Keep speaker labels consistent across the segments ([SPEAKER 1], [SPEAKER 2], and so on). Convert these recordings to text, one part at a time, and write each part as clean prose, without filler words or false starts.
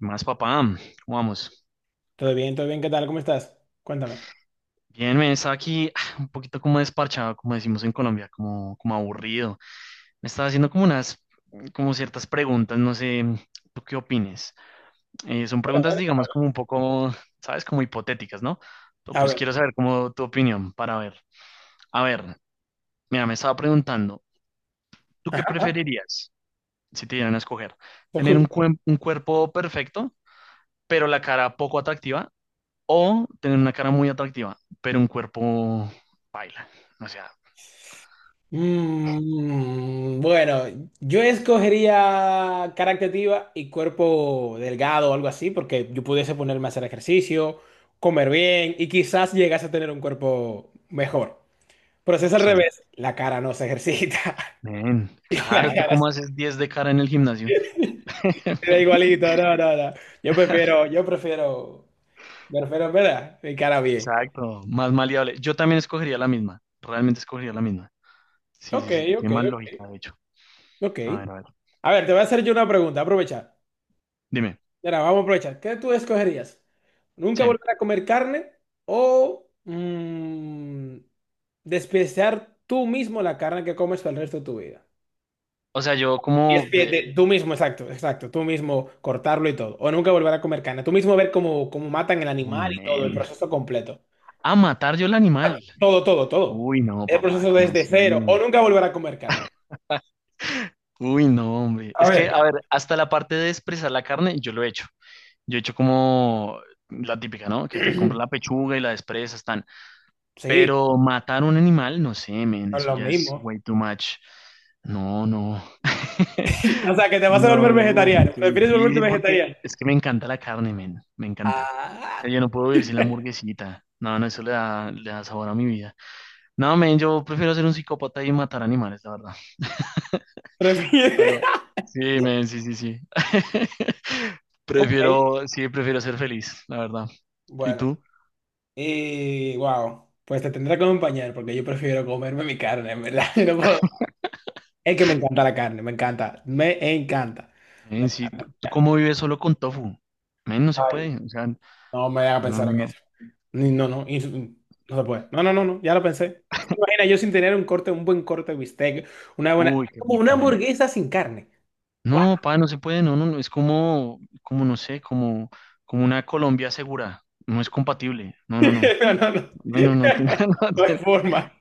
[SPEAKER 1] Más papá, ¿cómo vamos?
[SPEAKER 2] Todo bien, ¿qué tal? ¿Cómo estás? Cuéntame.
[SPEAKER 1] Bien, me estaba aquí un poquito como desparchado, como decimos en Colombia, como aburrido. Me estaba haciendo como unas, como ciertas preguntas, no sé, ¿tú qué opines? Son
[SPEAKER 2] A
[SPEAKER 1] preguntas,
[SPEAKER 2] ver, a
[SPEAKER 1] digamos,
[SPEAKER 2] ver.
[SPEAKER 1] como un poco, ¿sabes? Como hipotéticas, ¿no?
[SPEAKER 2] A
[SPEAKER 1] Pues
[SPEAKER 2] ver,
[SPEAKER 1] quiero saber como tu opinión para ver. A ver, mira, me estaba preguntando, ¿tú qué preferirías si te dieran a escoger?
[SPEAKER 2] te
[SPEAKER 1] ¿Tener
[SPEAKER 2] escucho.
[SPEAKER 1] un cuerpo perfecto, pero la cara poco atractiva? O tener una cara muy atractiva, pero un cuerpo baila. O sea,
[SPEAKER 2] Bueno, yo escogería cara activa y cuerpo delgado o algo así, porque yo pudiese ponerme a hacer ejercicio, comer bien y quizás llegase a tener un cuerpo mejor. Pero si es al
[SPEAKER 1] sí.
[SPEAKER 2] revés, la cara no se ejercita
[SPEAKER 1] Men,
[SPEAKER 2] y la Claro.
[SPEAKER 1] claro, ¿tú
[SPEAKER 2] cara
[SPEAKER 1] cómo haces 10 de cara en el gimnasio?
[SPEAKER 2] se da igualito. No, no, no. Yo prefiero, yo prefiero, prefiero, ¿verdad? Mi cara bien.
[SPEAKER 1] Exacto, más maleable. Yo también escogería la misma. Realmente escogería la misma. Sí,
[SPEAKER 2] Ok,
[SPEAKER 1] sí, sí,
[SPEAKER 2] ok,
[SPEAKER 1] tiene más
[SPEAKER 2] ok.
[SPEAKER 1] lógica, de hecho.
[SPEAKER 2] Ok.
[SPEAKER 1] A ver, a ver.
[SPEAKER 2] A ver, te voy a hacer yo una pregunta, aprovechar.
[SPEAKER 1] Dime.
[SPEAKER 2] Mira, vamos a aprovechar. ¿Qué tú escogerías? ¿Nunca
[SPEAKER 1] Sí.
[SPEAKER 2] volver a comer carne o despreciar tú mismo la carne que comes por el resto de tu vida?
[SPEAKER 1] O sea,
[SPEAKER 2] Y es tú mismo, exacto, exacto, tú mismo cortarlo y todo. O nunca volver a comer carne. Tú mismo ver cómo matan el
[SPEAKER 1] uy,
[SPEAKER 2] animal y todo, el
[SPEAKER 1] men.
[SPEAKER 2] proceso completo.
[SPEAKER 1] A matar yo el animal.
[SPEAKER 2] Todo, todo, todo.
[SPEAKER 1] Uy, no,
[SPEAKER 2] El
[SPEAKER 1] papá,
[SPEAKER 2] proceso
[SPEAKER 1] ¿cómo
[SPEAKER 2] desde
[SPEAKER 1] así?
[SPEAKER 2] cero. O nunca volver a comer carne.
[SPEAKER 1] Uy, no, hombre.
[SPEAKER 2] A
[SPEAKER 1] Es que,
[SPEAKER 2] ver,
[SPEAKER 1] a ver, hasta la parte de expresar la carne, yo lo he hecho. Yo he hecho como la típica, ¿no?, que te compras la pechuga y la desprezas, tan.
[SPEAKER 2] sí,
[SPEAKER 1] Pero matar un animal, no sé, men,
[SPEAKER 2] son
[SPEAKER 1] eso
[SPEAKER 2] los
[SPEAKER 1] ya es
[SPEAKER 2] mismos.
[SPEAKER 1] way too much. No, no.
[SPEAKER 2] O sea, que te vas a
[SPEAKER 1] No,
[SPEAKER 2] volver
[SPEAKER 1] men, uf,
[SPEAKER 2] vegetariano.
[SPEAKER 1] qué
[SPEAKER 2] ¿Prefieres volverte
[SPEAKER 1] difícil, porque
[SPEAKER 2] vegetariano?
[SPEAKER 1] es que me encanta la carne, men, me encanta. O sea,
[SPEAKER 2] Ah,
[SPEAKER 1] yo no puedo vivir sin la hamburguesita. No, no, eso le da sabor a mi vida. No, men, yo prefiero ser un psicópata y matar animales, la verdad.
[SPEAKER 2] prefiere.
[SPEAKER 1] Aló. Sí, men, sí, sí, sí.
[SPEAKER 2] Ok,
[SPEAKER 1] Prefiero, sí, prefiero ser feliz, la verdad. ¿Y
[SPEAKER 2] bueno.
[SPEAKER 1] tú?
[SPEAKER 2] Y wow, pues te tendré que acompañar porque yo prefiero comerme mi carne, en verdad. Yo no puedo. Es que me encanta la carne, me encanta, me encanta, me
[SPEAKER 1] Men, sí,
[SPEAKER 2] encanta.
[SPEAKER 1] ¿tú cómo vives solo con tofu? Men, no se
[SPEAKER 2] Ay,
[SPEAKER 1] puede, o sea,
[SPEAKER 2] no me haga
[SPEAKER 1] no,
[SPEAKER 2] pensar
[SPEAKER 1] no,
[SPEAKER 2] en
[SPEAKER 1] no.
[SPEAKER 2] eso. No, no se puede. No, no, no, no, ya lo pensé. ¿Te imaginas yo sin tener un buen corte de bistec, una buena,
[SPEAKER 1] Uy, qué
[SPEAKER 2] como una
[SPEAKER 1] rico, men.
[SPEAKER 2] hamburguesa sin carne? Guau.
[SPEAKER 1] No, pa, no se puede, no, no, no, es no sé, como, como una Colombia segura. No es compatible, no, no, no.
[SPEAKER 2] No, no, no.
[SPEAKER 1] Men, no
[SPEAKER 2] No hay
[SPEAKER 1] tiene,
[SPEAKER 2] forma.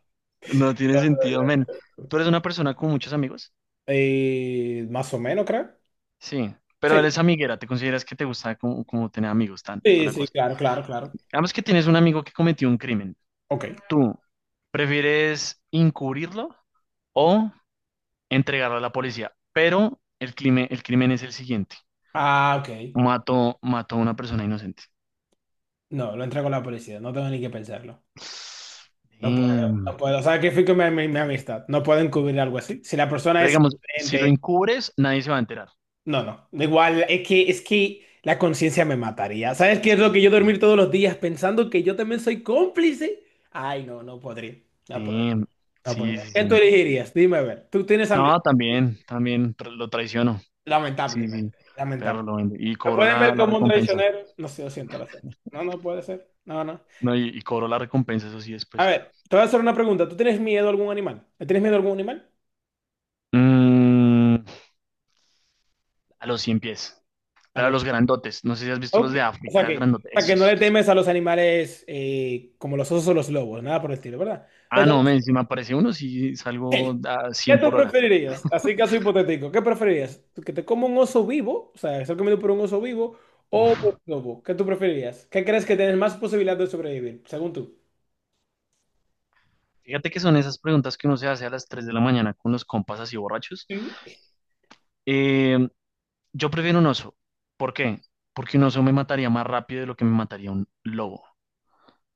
[SPEAKER 1] no tiene sentido, men. ¿Tú eres una persona con muchos amigos?
[SPEAKER 2] Más o menos, creo.
[SPEAKER 1] Sí, pero
[SPEAKER 2] Sí.
[SPEAKER 1] eres amiguera, ¿te consideras que te gusta como, como tener amigos, tan, toda
[SPEAKER 2] Sí,
[SPEAKER 1] la
[SPEAKER 2] sí,
[SPEAKER 1] cosa?
[SPEAKER 2] claro, claro, claro.
[SPEAKER 1] Digamos que tienes un amigo que cometió un crimen.
[SPEAKER 2] Ok.
[SPEAKER 1] ¿Tú prefieres encubrirlo o entregarlo a la policía? Pero el crimen es el siguiente.
[SPEAKER 2] Ah, ok.
[SPEAKER 1] Mató a una persona inocente.
[SPEAKER 2] No, lo entrego a la policía. No tengo ni que pensarlo. No puedo,
[SPEAKER 1] Damn.
[SPEAKER 2] no puedo. ¿Sabes qué fui con mi amistad? No puedo encubrir algo así. Si la persona
[SPEAKER 1] Pero
[SPEAKER 2] es
[SPEAKER 1] digamos, si lo
[SPEAKER 2] inocente,
[SPEAKER 1] encubres, nadie se va a enterar.
[SPEAKER 2] no, no. Da igual, es que la conciencia me mataría. ¿Sabes qué es lo
[SPEAKER 1] Sí.
[SPEAKER 2] que yo dormir todos los días pensando que yo también soy cómplice? Ay, no, no podría. No podría,
[SPEAKER 1] Damn.
[SPEAKER 2] no
[SPEAKER 1] Sí,
[SPEAKER 2] podría.
[SPEAKER 1] sí,
[SPEAKER 2] ¿Qué tú
[SPEAKER 1] sí.
[SPEAKER 2] elegirías? Dime a ver. ¿Tú tienes amigos?
[SPEAKER 1] No, lo traiciono. Sí,
[SPEAKER 2] Lamentablemente.
[SPEAKER 1] sí. Pero
[SPEAKER 2] Lamentable.
[SPEAKER 1] lo vende. Y
[SPEAKER 2] ¿Lo
[SPEAKER 1] cobró
[SPEAKER 2] pueden ver
[SPEAKER 1] la
[SPEAKER 2] como un
[SPEAKER 1] recompensa.
[SPEAKER 2] traicionero? No sé, lo siento, lo siento. No, no puede ser. No, no.
[SPEAKER 1] No, y cobró la recompensa, eso sí,
[SPEAKER 2] A
[SPEAKER 1] después.
[SPEAKER 2] ver, te voy a hacer una pregunta. ¿Tú tienes miedo a algún animal? ¿Le tienes miedo a algún animal?
[SPEAKER 1] Mm, a los 100 pies.
[SPEAKER 2] A
[SPEAKER 1] Pero
[SPEAKER 2] los...
[SPEAKER 1] los grandotes, no sé si has visto los
[SPEAKER 2] Ok.
[SPEAKER 1] de África, grandotes,
[SPEAKER 2] O sea que no
[SPEAKER 1] esos,
[SPEAKER 2] le
[SPEAKER 1] esos.
[SPEAKER 2] temes a los animales como los osos o los lobos, nada por el estilo, ¿verdad? Le
[SPEAKER 1] Ah,
[SPEAKER 2] temes.
[SPEAKER 1] no, men, si me aparece uno, si salgo
[SPEAKER 2] Hey,
[SPEAKER 1] a
[SPEAKER 2] ¿qué
[SPEAKER 1] 100
[SPEAKER 2] tú
[SPEAKER 1] por hora.
[SPEAKER 2] preferirías? Así caso hipotético, ¿qué preferirías? ¿Que te coma un oso vivo? O sea, ser comido por un oso vivo o por
[SPEAKER 1] Uf.
[SPEAKER 2] un lobo. ¿Qué tú preferirías? ¿Qué crees que tienes más posibilidad de sobrevivir, según tú?
[SPEAKER 1] Fíjate que son esas preguntas que uno se hace a las 3 de la mañana con los compas así borrachos.
[SPEAKER 2] Sí.
[SPEAKER 1] Eh, yo prefiero un oso. ¿Por qué? Porque un oso me mataría más rápido de lo que me mataría un lobo.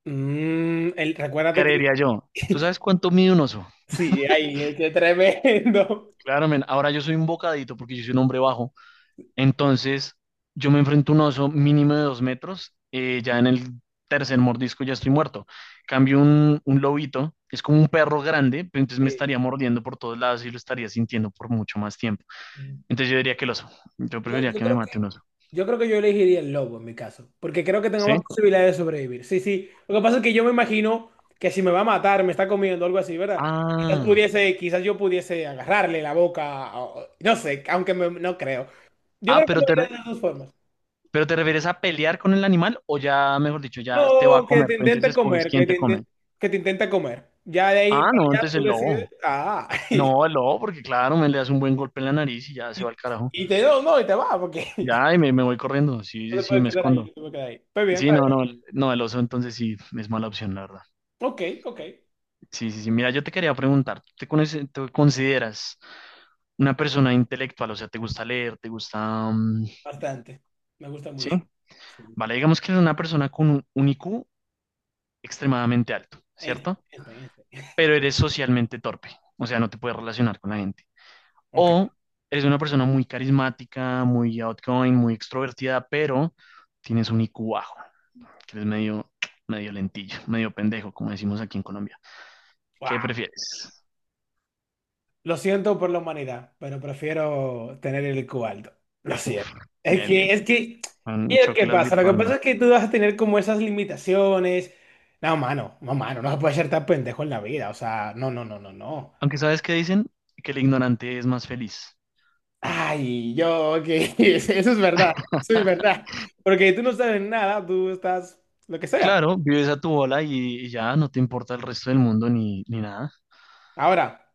[SPEAKER 2] Mm, el- recuérdate que...
[SPEAKER 1] Creería yo. ¿Tú sabes cuánto mide un oso?
[SPEAKER 2] Sí, ay, qué tremendo.
[SPEAKER 1] Claro, men, ahora yo soy un bocadito porque yo soy un hombre bajo. Entonces, yo me enfrento a un oso mínimo de 2 metros, ya en el tercer mordisco ya estoy muerto. Cambio un lobito, es como un perro grande, pero entonces me
[SPEAKER 2] Sí.
[SPEAKER 1] estaría mordiendo por todos lados y lo estaría sintiendo por mucho más tiempo. Entonces yo diría que el oso, yo
[SPEAKER 2] Yo,
[SPEAKER 1] preferiría
[SPEAKER 2] yo
[SPEAKER 1] que me
[SPEAKER 2] creo que
[SPEAKER 1] mate un oso.
[SPEAKER 2] yo creo que yo elegiría el lobo en mi caso, porque creo que tengo
[SPEAKER 1] ¿Sí?
[SPEAKER 2] más posibilidades de sobrevivir. Sí, sí. Lo que pasa es que yo me imagino que si me va a matar, me está comiendo algo así, ¿verdad? Quizás
[SPEAKER 1] Ah,
[SPEAKER 2] pudiese, quizás yo pudiese agarrarle la boca, no sé, aunque me- no creo. Yo
[SPEAKER 1] ah,
[SPEAKER 2] creo que
[SPEAKER 1] pero
[SPEAKER 2] me
[SPEAKER 1] te,
[SPEAKER 2] iría
[SPEAKER 1] re-
[SPEAKER 2] de las dos formas.
[SPEAKER 1] pero te refieres a pelear con el animal o ya, mejor dicho, ya te va a
[SPEAKER 2] No, que
[SPEAKER 1] comer,
[SPEAKER 2] te
[SPEAKER 1] pero entonces
[SPEAKER 2] intente
[SPEAKER 1] escoges
[SPEAKER 2] comer,
[SPEAKER 1] quién te come.
[SPEAKER 2] que te intente comer. Ya de ahí
[SPEAKER 1] Ah,
[SPEAKER 2] para
[SPEAKER 1] no,
[SPEAKER 2] allá
[SPEAKER 1] entonces
[SPEAKER 2] tú
[SPEAKER 1] el
[SPEAKER 2] decides,
[SPEAKER 1] lobo.
[SPEAKER 2] ah,
[SPEAKER 1] No, el lobo, porque claro, me le das un buen golpe en la nariz y ya se va
[SPEAKER 2] y,
[SPEAKER 1] al carajo.
[SPEAKER 2] y te no, no, y te va, porque
[SPEAKER 1] Ay, me voy corriendo. Sí,
[SPEAKER 2] no
[SPEAKER 1] sí,
[SPEAKER 2] te
[SPEAKER 1] sí,
[SPEAKER 2] puedes
[SPEAKER 1] me
[SPEAKER 2] quedar ahí,
[SPEAKER 1] escondo.
[SPEAKER 2] no te puedes quedar ahí. Pues bien,
[SPEAKER 1] Sí,
[SPEAKER 2] está
[SPEAKER 1] no,
[SPEAKER 2] bien.
[SPEAKER 1] no, no, el oso entonces sí es mala opción, la verdad.
[SPEAKER 2] Ok, ok,
[SPEAKER 1] Sí, sí, sí. Mira, yo te quería preguntar, ¿te consideras una persona intelectual? O sea, ¿te gusta leer? ¿Te gusta...?
[SPEAKER 2] bastante. Me gusta
[SPEAKER 1] Sí.
[SPEAKER 2] mucho. Sí.
[SPEAKER 1] Vale, digamos que eres una persona con un IQ extremadamente alto,
[SPEAKER 2] Einstein,
[SPEAKER 1] ¿cierto?
[SPEAKER 2] Einstein, Einstein.
[SPEAKER 1] Pero eres socialmente torpe. O sea, no te puedes relacionar con la gente.
[SPEAKER 2] Ok.
[SPEAKER 1] O eres una persona muy carismática, muy outgoing, muy extrovertida, pero tienes un IQ bajo, que eres medio, medio lentillo, medio pendejo, como decimos aquí en Colombia. ¿Qué
[SPEAKER 2] Wow.
[SPEAKER 1] prefieres?
[SPEAKER 2] Lo siento por la humanidad, pero prefiero tener el IQ alto. Lo
[SPEAKER 1] Uf,
[SPEAKER 2] siento.
[SPEAKER 1] bien, bien.
[SPEAKER 2] Es que, ¿y el qué
[SPEAKER 1] Chóquelas
[SPEAKER 2] pasa? Lo que pasa
[SPEAKER 1] virtualmente.
[SPEAKER 2] es que tú vas a tener como esas limitaciones. No, mano, no, mano, no se puede ser tan pendejo en la vida. O sea, no, no, no, no, no.
[SPEAKER 1] Aunque sabes qué dicen, que el ignorante es más feliz.
[SPEAKER 2] Ay, yo, ok, eso es verdad, eso es verdad. Porque tú no sabes nada, tú estás lo que sea.
[SPEAKER 1] Claro, vives a tu bola y ya no te importa el resto del mundo ni, ni nada.
[SPEAKER 2] Ahora,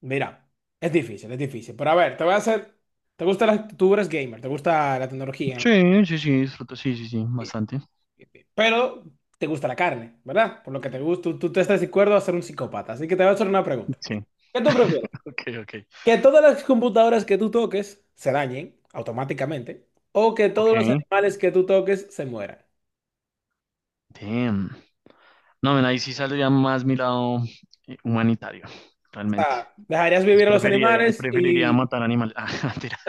[SPEAKER 2] mira, es difícil, es difícil. Pero a ver, te voy a hacer. ¿Te gusta las... Tú eres gamer, te gusta la tecnología,
[SPEAKER 1] Sí, sí, sí, disfruto, sí, sí, sí, bastante.
[SPEAKER 2] pero te gusta la carne, ¿verdad? Por lo que te gusta, tú te estás de acuerdo a ser un psicópata. Así que te voy a hacer una pregunta.
[SPEAKER 1] Sí,
[SPEAKER 2] ¿Qué tú prefieres?
[SPEAKER 1] ok, ok.
[SPEAKER 2] ¿Que todas las computadoras que tú toques se dañen automáticamente? ¿O que todos
[SPEAKER 1] Ok,
[SPEAKER 2] los animales que tú toques se mueran?
[SPEAKER 1] damn. No, men, ahí sí saldría más mi lado humanitario,
[SPEAKER 2] O
[SPEAKER 1] realmente.
[SPEAKER 2] sea, ¿dejarías
[SPEAKER 1] Entonces
[SPEAKER 2] vivir a los
[SPEAKER 1] preferiría,
[SPEAKER 2] animales
[SPEAKER 1] preferiría
[SPEAKER 2] y...?
[SPEAKER 1] matar animales. Ah, mentiras.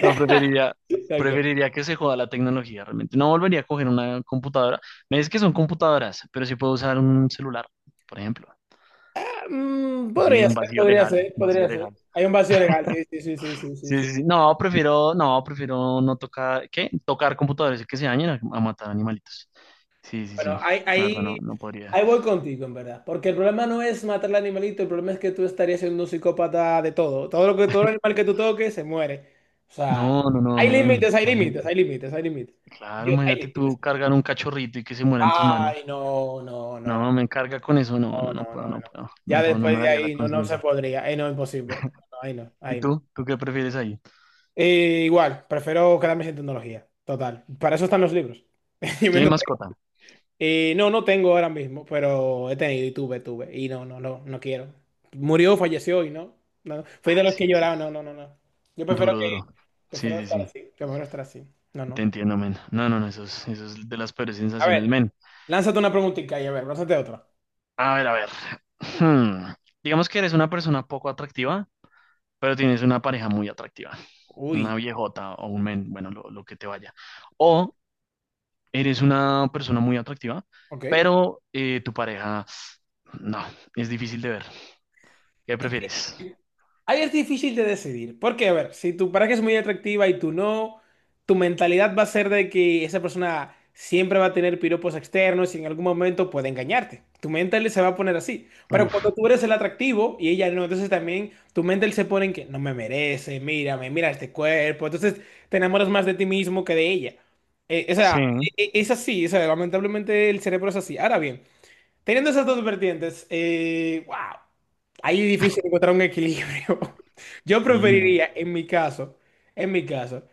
[SPEAKER 1] No, preferiría,
[SPEAKER 2] Ok.
[SPEAKER 1] preferiría que se joda la tecnología, realmente. No volvería a coger una computadora. Me dice que son computadoras, pero sí puedo usar un celular, por ejemplo.
[SPEAKER 2] Mm,
[SPEAKER 1] Sí,
[SPEAKER 2] podría
[SPEAKER 1] un
[SPEAKER 2] ser,
[SPEAKER 1] vacío
[SPEAKER 2] podría
[SPEAKER 1] legal,
[SPEAKER 2] ser,
[SPEAKER 1] un vacío
[SPEAKER 2] podría ser.
[SPEAKER 1] legal.
[SPEAKER 2] Hay un vacío legal, sí, sí, sí, sí, sí,
[SPEAKER 1] Sí,
[SPEAKER 2] sí.
[SPEAKER 1] sí, sí. No, prefiero, no, prefiero no tocar, ¿qué? Tocar computadores y que se dañen a matar animalitos. Sí, sí, sí.
[SPEAKER 2] Bueno,
[SPEAKER 1] La verdad, no, no podría.
[SPEAKER 2] ahí voy contigo, en verdad. Porque el problema no es matar al animalito, el problema es que tú estarías siendo un psicópata de todo. Todo lo que, todo animal que tú toques se muere. O sea,
[SPEAKER 1] No, no, no,
[SPEAKER 2] hay
[SPEAKER 1] men,
[SPEAKER 2] límites, hay límites,
[SPEAKER 1] imagínate.
[SPEAKER 2] hay límites, hay límites.
[SPEAKER 1] Claro,
[SPEAKER 2] Yo... hay
[SPEAKER 1] imagínate tú
[SPEAKER 2] límites.
[SPEAKER 1] cargar un cachorrito y que se muera en tus
[SPEAKER 2] Ay,
[SPEAKER 1] manos.
[SPEAKER 2] no, no, no,
[SPEAKER 1] No, me carga con eso, no, no,
[SPEAKER 2] no,
[SPEAKER 1] no
[SPEAKER 2] no,
[SPEAKER 1] puedo,
[SPEAKER 2] no,
[SPEAKER 1] no
[SPEAKER 2] no.
[SPEAKER 1] puedo,
[SPEAKER 2] Ya
[SPEAKER 1] no puedo, no
[SPEAKER 2] después
[SPEAKER 1] me
[SPEAKER 2] de
[SPEAKER 1] daría la
[SPEAKER 2] ahí no, no se
[SPEAKER 1] conciencia.
[SPEAKER 2] podría. Ahí no, imposible. No, ahí no,
[SPEAKER 1] ¿Y
[SPEAKER 2] ahí no.
[SPEAKER 1] tú? ¿Tú qué prefieres ahí?
[SPEAKER 2] Igual, prefiero quedarme sin tecnología. Total. Para eso están los libros. Yo vendo.
[SPEAKER 1] ¿Tienes mascota?
[SPEAKER 2] No, no tengo ahora mismo, pero he tenido y tuve, tuve. Y no, no, no, no quiero. Murió, falleció y no. No, no. Fui de
[SPEAKER 1] Ay,
[SPEAKER 2] los que
[SPEAKER 1] sí, pues,
[SPEAKER 2] lloraron, no, no, no, no. Yo prefiero
[SPEAKER 1] duro,
[SPEAKER 2] que,
[SPEAKER 1] duro. Sí,
[SPEAKER 2] prefiero
[SPEAKER 1] sí,
[SPEAKER 2] estar
[SPEAKER 1] sí,
[SPEAKER 2] así, prefiero estar así. No,
[SPEAKER 1] te
[SPEAKER 2] no.
[SPEAKER 1] entiendo, men. No, no, no, eso es de las peores
[SPEAKER 2] A ver,
[SPEAKER 1] sensaciones, men.
[SPEAKER 2] lánzate una preguntita y a ver, lánzate otra.
[SPEAKER 1] A ver, a ver. Hmm. Digamos que eres una persona poco atractiva, pero tienes una pareja muy atractiva,
[SPEAKER 2] Uy,
[SPEAKER 1] una viejota o un men, bueno, lo que te vaya. O eres una persona muy atractiva,
[SPEAKER 2] ok.
[SPEAKER 1] pero tu pareja, no, es difícil de ver. ¿Qué prefieres?
[SPEAKER 2] Ahí es difícil de decidir, porque a ver, si tu pareja es muy atractiva y tú no, tu mentalidad va a ser de que esa persona siempre va a tener piropos externos y en algún momento puede engañarte. Tu mental se va a poner así. Pero cuando
[SPEAKER 1] Uf,
[SPEAKER 2] tú eres el atractivo y ella no, entonces también tu mental se pone en que no me merece, mírame, mira este cuerpo. Entonces te enamoras más de ti mismo que de ella. Eh, o
[SPEAKER 1] sí,
[SPEAKER 2] sea, es así, o sea, lamentablemente el cerebro es así. Ahora bien. Teniendo esas dos vertientes, wow, ahí es difícil encontrar un equilibrio. Yo
[SPEAKER 1] sí, men,
[SPEAKER 2] preferiría, en mi caso, en mi caso,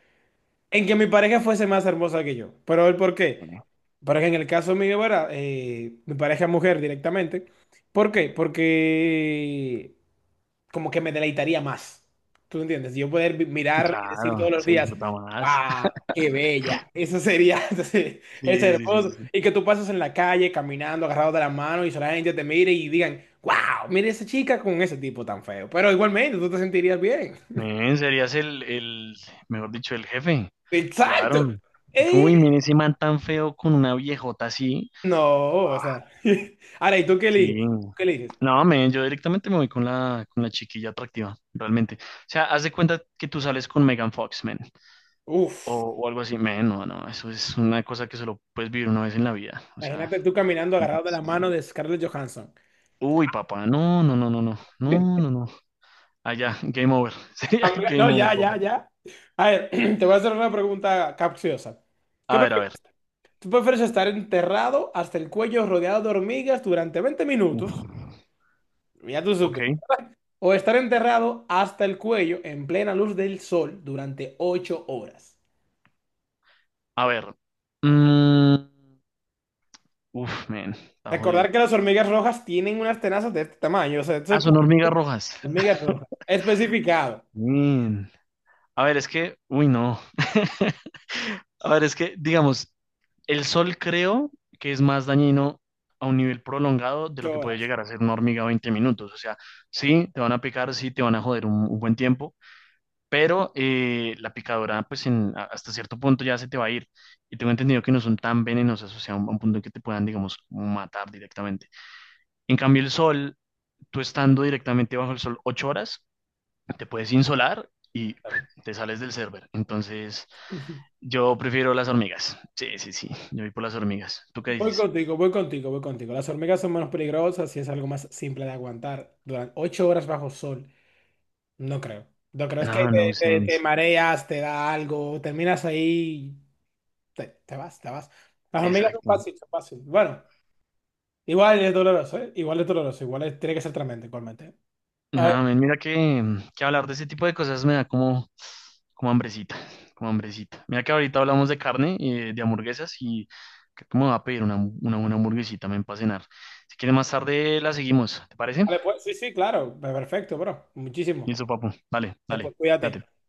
[SPEAKER 2] en que mi pareja fuese más hermosa que yo. Pero el por qué,
[SPEAKER 1] eh,
[SPEAKER 2] porque en el caso mío, ¿verdad? Mi pareja es mujer directamente. ¿Por qué? Porque como que me deleitaría más. ¿Tú entiendes? Yo poder mirar y decir todos
[SPEAKER 1] claro,
[SPEAKER 2] los
[SPEAKER 1] se
[SPEAKER 2] días,
[SPEAKER 1] disfruta más.
[SPEAKER 2] ¡wow! ¡Qué bella! Eso sería, sí, es
[SPEAKER 1] Sí, sí, sí, sí,
[SPEAKER 2] hermoso.
[SPEAKER 1] sí.
[SPEAKER 2] Y que tú pases en la calle caminando, agarrado de la mano y solamente te mire y digan, ¡wow! Mire esa chica con ese tipo tan feo. Pero igualmente tú te sentirías bien.
[SPEAKER 1] Men, serías el, mejor dicho, el jefe.
[SPEAKER 2] ¡Exacto!
[SPEAKER 1] Claro. Así como, uy,
[SPEAKER 2] Eh,
[SPEAKER 1] men, ese man tan feo con una viejota así.
[SPEAKER 2] no, o sea. Ahora, ¿y tú qué eliges?
[SPEAKER 1] Sí.
[SPEAKER 2] ¿Qué eliges?
[SPEAKER 1] No, men, yo directamente me voy con con la chiquilla atractiva, realmente. O sea, haz de cuenta que tú sales con Megan Fox, men. O,
[SPEAKER 2] Uf,
[SPEAKER 1] o algo así. Men, no, no, eso es una cosa que solo puedes vivir una vez en la vida. O sea,
[SPEAKER 2] imagínate tú caminando agarrado de la
[SPEAKER 1] sí.
[SPEAKER 2] mano de Scarlett Johansson.
[SPEAKER 1] Uy, papá, no, no, no, no, no, no, no, no. Allá, game over. Sería
[SPEAKER 2] Habla...
[SPEAKER 1] game
[SPEAKER 2] No,
[SPEAKER 1] over,
[SPEAKER 2] ya,
[SPEAKER 1] papá.
[SPEAKER 2] ya, ya. A ver, te voy a hacer una pregunta capciosa. ¿Qué
[SPEAKER 1] A ver, a
[SPEAKER 2] prefieres?
[SPEAKER 1] ver.
[SPEAKER 2] ¿Tú prefieres estar enterrado hasta el cuello rodeado de hormigas durante 20
[SPEAKER 1] Uf.
[SPEAKER 2] minutos? Ya tú
[SPEAKER 1] Ok,
[SPEAKER 2] supes. O estar enterrado hasta el cuello en plena luz del sol durante 8 horas.
[SPEAKER 1] a ver. Mm, Uf, men, está jodido.
[SPEAKER 2] Recordar que las hormigas rojas tienen unas tenazas de este tamaño. O sea, esto
[SPEAKER 1] Ah,
[SPEAKER 2] es
[SPEAKER 1] son
[SPEAKER 2] para
[SPEAKER 1] hormigas rojas.
[SPEAKER 2] hormigas rojas. Especificado.
[SPEAKER 1] Men. A ver, es que, uy, no. A ver, es que, digamos, el sol creo que es más dañino a un nivel prolongado de lo
[SPEAKER 2] Ocho
[SPEAKER 1] que puede
[SPEAKER 2] horas.
[SPEAKER 1] llegar a ser una hormiga 20 minutos. O sea, sí, te van a picar, sí, te van a joder un buen tiempo, pero la picadora, pues hasta cierto punto ya se te va a ir. Y tengo entendido que no son tan venenosas, o sea, a a un punto en que te puedan, digamos, matar directamente. En cambio, el sol, tú estando directamente bajo el sol 8 horas, te puedes insolar y te sales del server. Entonces, yo prefiero las hormigas. Sí, sí, sí, yo voy por las hormigas. ¿Tú qué
[SPEAKER 2] Voy
[SPEAKER 1] dices?
[SPEAKER 2] contigo, voy contigo, voy contigo. Las hormigas son menos peligrosas y es algo más simple de aguantar durante 8 horas bajo sol. No creo. No creo, es que
[SPEAKER 1] No, no
[SPEAKER 2] te, te
[SPEAKER 1] sense.
[SPEAKER 2] mareas, te da algo, terminas ahí, te vas, te vas. Las hormigas son
[SPEAKER 1] Exacto.
[SPEAKER 2] fáciles, son fáciles. Bueno, igual es doloroso, ¿eh? Igual es doloroso, igual es- tiene que ser tremendo, igualmente. A ver,
[SPEAKER 1] No, men, mira que, que hablar de ese tipo de cosas me da como, como hambrecita, como hambrecita. Mira que ahorita hablamos de carne y de hamburguesas y creo que me va a pedir una buena hamburguesita, men, para cenar. Si quieres más tarde la seguimos, ¿te parece?
[SPEAKER 2] vale, pues sí, sí, claro, perfecto, bro. Muchísimo.
[SPEAKER 1] Listo, papu. Dale, dale.
[SPEAKER 2] Pues cuídate.
[SPEAKER 1] Cuídate.